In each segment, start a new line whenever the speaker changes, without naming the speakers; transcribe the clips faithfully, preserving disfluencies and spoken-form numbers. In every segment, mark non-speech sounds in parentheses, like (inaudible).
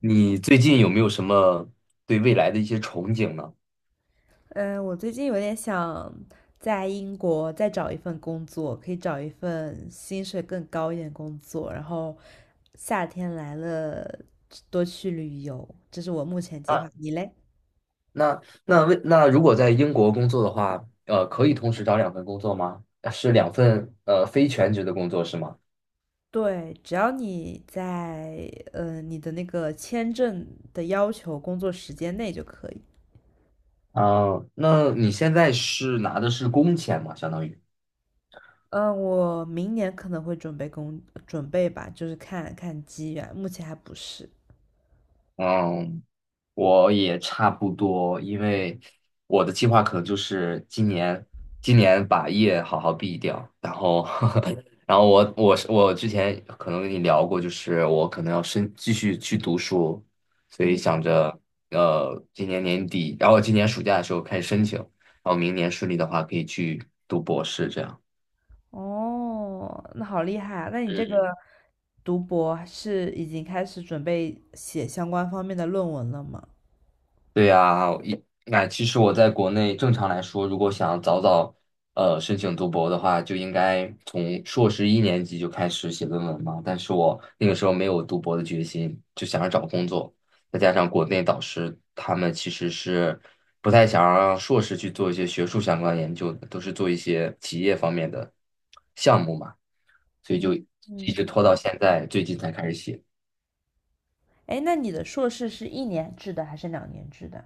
你最近有没有什么对未来的一些憧憬呢？
嗯，我最近有点想在英国再找一份工作，可以找一份薪水更高一点的工作，然后夏天来了多去旅游，这是我目前计
啊，
划。你嘞？
那那为那如果在英国工作的话，呃，可以同时找两份工作吗？呃是两份呃非全职的工作是吗？
对，只要你在呃你的那个签证的要求工作时间内就可以。
啊、那你现在是拿的是工钱吗？相当于，
嗯，我明年可能会准备工准备吧，就是看看机缘，目前还不是。
嗯，我也差不多，因为我的计划可能就是今年，今年把业好好毕掉，然后，(laughs) 然后我我是我之前可能跟你聊过，就是我可能要深继续去读书，所以
嗯。
想着呃今年年底，然后今年暑假的时候开始申请，然后明年顺利的话可以去读博士这样。
哦，那好厉害啊！那你这个读博是已经开始准备写相关方面的论文了吗？
对呀，一那其实我在国内正常来说，如果想早早呃申请读博的话，就应该从硕士一年级就开始写论文嘛。但是我那个时候没有读博的决心，就想着找工作，再加上国内导师他们其实是不太想让硕士去做一些学术相关研究的，都是做一些企业方面的项目嘛，所以
嗯
就一直
嗯，
拖到现在，最近才开始写。
哎，那你的硕士是一年制的还是两年制的？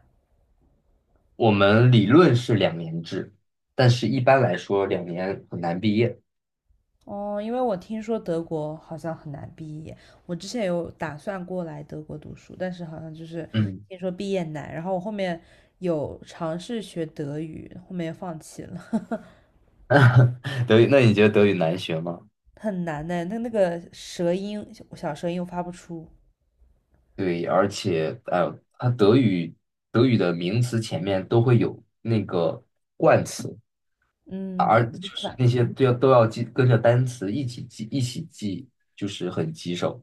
我们理论是两年制，但是一般来说两年很难毕业。
哦，因为我听说德国好像很难毕业，我之前有打算过来德国读书，但是好像就是
嗯，
听说毕业难，然后我后面有尝试学德语，后面放弃了，(laughs)
(laughs) 德语，那你觉得德语难学吗？
很难呢，那那个舌音小舌音又发不出，
对，而且呃，它德语德语的名词前面都会有那个冠词，
嗯，
而就是那些都要都要记跟着单词一起记一起记，就是很棘手。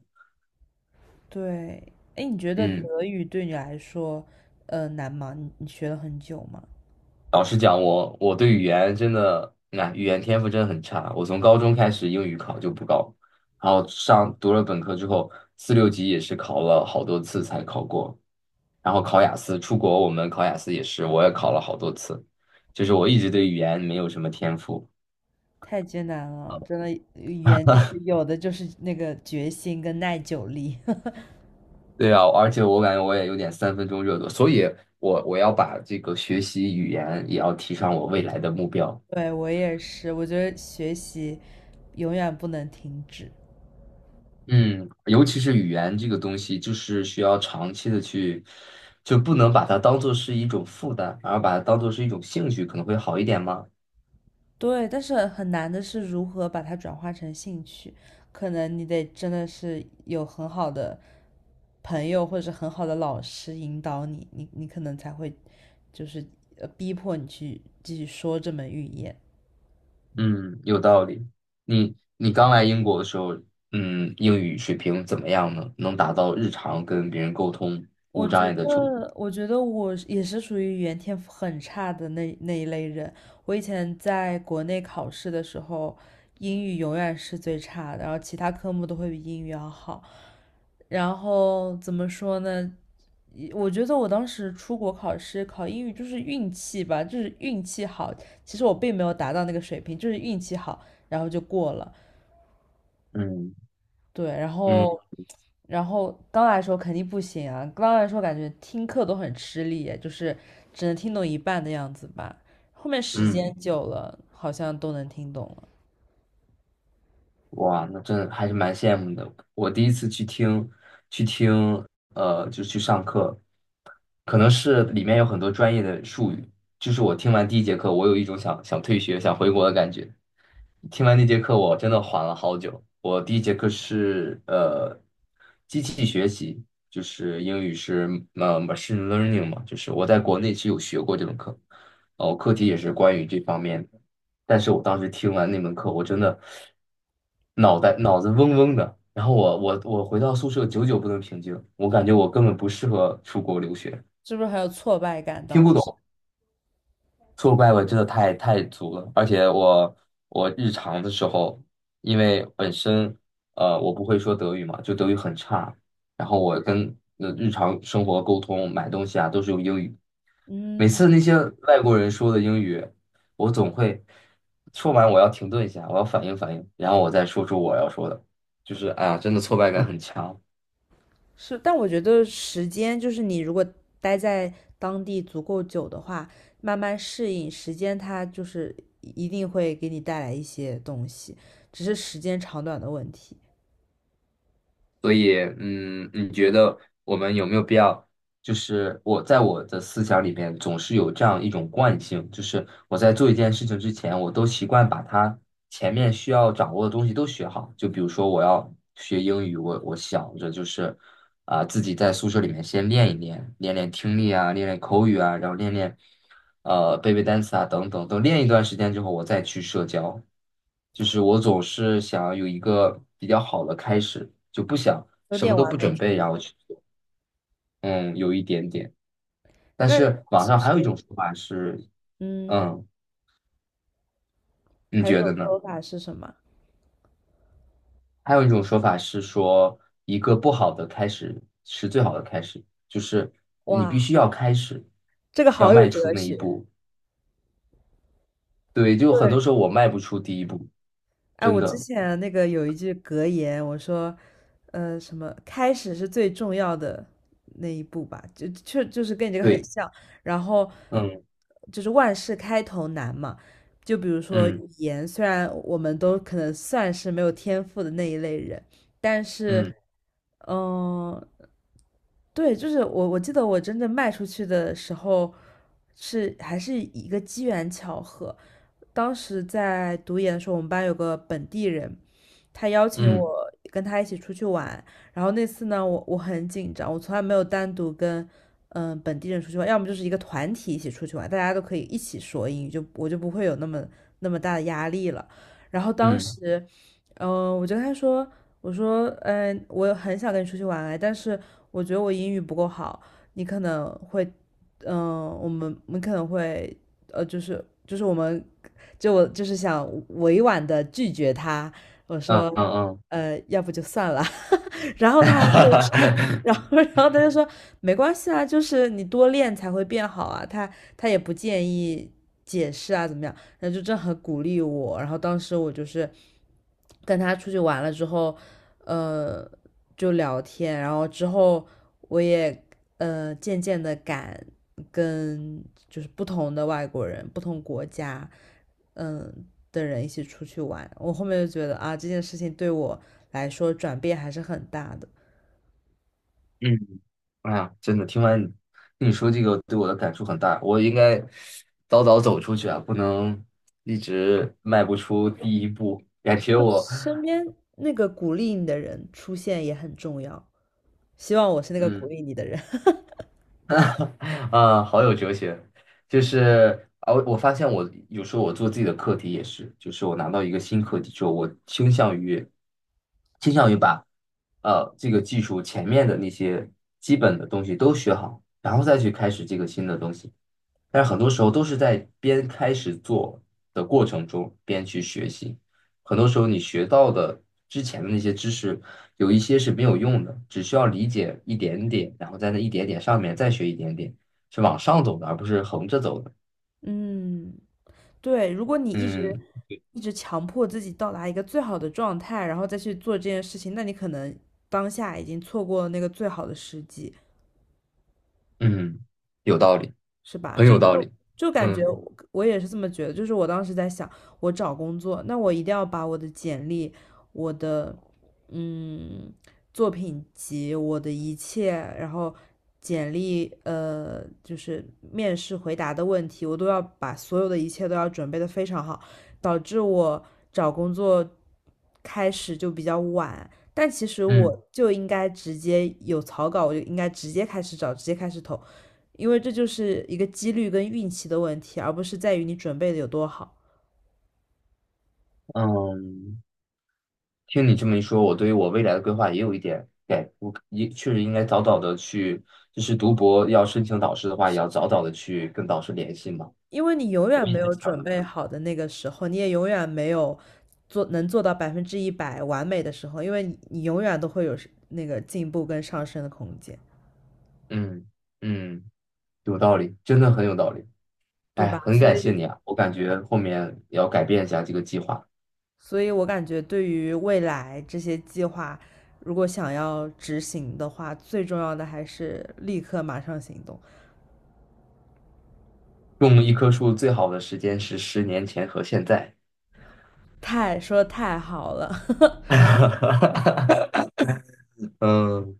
对，哎，你觉得
嗯。
德语对你来说，呃，难吗？你你学了很久吗？
老实讲，我我对语言真的，那语言天赋真的很差。我从高中开始英语考就不高，然后上读了本科之后，四六级也是考了好多次才考过。然后考雅思，出国我们考雅思也是，我也考了好多次。就是我一直对语言没有什么天赋。
太艰难了，真的，语言就是有的就是那个决心跟耐久力。(laughs)
对啊，而且我感觉我也有点三分钟热度，所以我我要把这个学习语言也要提上我未来的目标。
对，我也是，我觉得学习永远不能停止。
嗯，尤其是语言这个东西，就是需要长期的去，就不能把它当做是一种负担，而把它当做是一种兴趣，可能会好一点吗？
对，但是很难的是如何把它转化成兴趣，可能你得真的是有很好的朋友或者是很好的老师引导你，你你可能才会就是呃逼迫你去继续说这门语言。
嗯，有道理。你你刚来英国的时候，嗯，英语水平怎么样呢？能达到日常跟别人沟通
我
无障
觉
碍的程度？
得，我觉得我也是属于语言天赋很差的那那一类人。我以前在国内考试的时候，英语永远是最差的，然后其他科目都会比英语要好。然后怎么说呢？我觉得我当时出国考试考英语就是运气吧，就是运气好。其实我并没有达到那个水平，就是运气好，然后就过了。
嗯
对，然
嗯
后，然后刚来的时候肯定不行啊，刚来的时候感觉听课都很吃力，就是只能听懂一半的样子吧。后面时间
嗯。
久了，好像都能听懂了，
哇，那真的还是蛮羡慕的。我第一次去听，去听，呃，就去上课，可能是里面有很多专业的术语，就是我听完第一节课，我有一种想想退学、想回国的感觉。听完那节课，我真的缓了好久。我第一节课是呃，机器学习，就是英语是呃 M learning 嘛，就是我在国内是有学过这门课，哦，课题也是关于这方面的。但是我当时听完那门课，我真的脑袋脑子嗡嗡的。然后我我我回到宿舍，久久不能平静，我感觉我根本不适合出国留学，
是不是很有挫败感？
听
当
不
时，
懂。挫败感真的太太足了，而且我我日常的时候，因为本身呃我不会说德语嘛，就德语很差，然后我跟呃日常生活沟通、买东西啊都是用英语，每
嗯。
次那些外国人说的英语，我总会说完我要停顿一下，我要反应反应，然后我再说出我要说的，就是哎呀，真的挫败感很强，
是，但我觉得时间就是你如果待在当地足够久的话，慢慢适应，时间它就是一定会给你带来一些东西，只是时间长短的问题，
所以嗯，你觉得我们有没有必要？就是我在我的思想里面总是有这样一种惯性，就是我在做一件事情之前，我都习惯把它前面需要掌握的东西都学好。就比如说我要学英语，我我想着就是啊、自己在宿舍里面先练一练，练练听力啊，练练口语啊，然后练练呃背背单词啊等等。等练一段时间之后，我再去社交。就是我总是想要有一个比较好的开始，就不想
有
什么
点
都
完
不
美
准
主
备，
义。
然后去做。嗯，有一点点。但
那
是网
其
上还
实，
有一种说法是，
嗯，
嗯，你
还有一
觉
种
得
说
呢？
法是什么？
还有一种说法是说，一个不好的开始是最好的开始，就是你必
哇，
须要开始，
这个
要
好有
迈出
哲
那一
学。
步。对，就很
对。
多时候我迈不出第一步，
哎，
真
我之
的。
前那个有一句格言，我说，呃，什么开始是最重要的那一步吧，就就就是跟你这个很
对，
像。然后
嗯
就是万事开头难嘛，就比如说
嗯
语言，虽然我们都可能算是没有天赋的那一类人，但是
嗯
嗯，对，就是我我记得我真正卖出去的时候是还是一个机缘巧合，当时在读研的时候，我们班有个本地人，他邀请
嗯
我跟他一起出去玩，然后那次呢，我我很紧张，我从来没有单独跟嗯呃本地人出去玩，要么就是一个团体一起出去玩，大家都可以一起说英语，就我就不会有那么那么大的压力了。然后当
嗯
时，嗯，我就跟他说。我说，嗯、呃我很想跟你出去玩哎，但是我觉得我英语不够好，你可能会，嗯、我们我们可能会，呃，就是就是我们，就我就是想委婉的拒绝他，我
嗯
说，
嗯嗯，
呃，要不就算了，然后他就是 (laughs) 然
(laughs)
后然后他就说没关系啊，就是你多练才会变好啊。他他也不建议解释啊，怎么样？然后就正很鼓励我。然后当时我就是跟他出去玩了之后，呃，就聊天。然后之后我也呃渐渐的敢跟就是不同的外国人、不同国家。嗯的人一起出去玩。我后面就觉得啊，这件事情对我来说转变还是很大的。
嗯，哎呀，真的，听完你说这个，对我的感触很大。我应该早早走出去啊，不能一直迈不出第一步。感觉
就
我，
身边那个鼓励你的人出现也很重要。希望我是那个
嗯，
鼓励你的人。(laughs)
(laughs) 啊，好有哲学。就是啊，我我发现我有时候我做自己的课题也是，就是我拿到一个新课题之后，我倾向于倾向于把呃这个技术前面的那些基本的东西都学好，然后再去开始这个新的东西。但是很多时候都是在边开始做的过程中边去学习，很多时候你学到的之前的那些知识，有一些是没有用的，只需要理解一点点，然后在那一点点上面再学一点点，是往上走的，而不是横着走的。
嗯，对，如果你一直
嗯
一直强迫自己到达一个最好的状态，然后再去做这件事情，那你可能当下已经错过了那个最好的时机。
嗯，有道理，
是吧？
很
就
有道
就
理。
就感觉
嗯
我我也是这么觉得，就是我当时在想，我找工作，那我一定要把我的简历、我的嗯作品集、我的一切，然后简历呃就是面试回答的问题，我都要把所有的一切都要准备的非常好，导致我找工作开始就比较晚。但其实
嗯
我就应该直接有草稿，我就应该直接开始找，直接开始投，因为这就是一个几率跟运气的问题，而不是在于你准备的有多好。
嗯。听你这么一说，我对于我未来的规划也有一点改，我也确实应该早早的去，就是读博要申请导师的话，也要早早的去跟导师联系嘛。
因为你永
我
远
一
没
直
有
想
准
的，
备好的那个时候，你也永远没有做能做到百分之一百完美的时候，因为你你永远都会有是那个进步跟上升的空间，
嗯嗯，有道理，真的很有道理。
对
哎，
吧？
很
所
感谢
以，
你啊，我感觉后面也要改变一下这个计划。
所以我感觉对于未来这些计划，如果想要执行的话，最重要的还是立刻马上行动。
种一棵树最好的时间是十年前和现在。
太说的太好了，
(laughs) 嗯。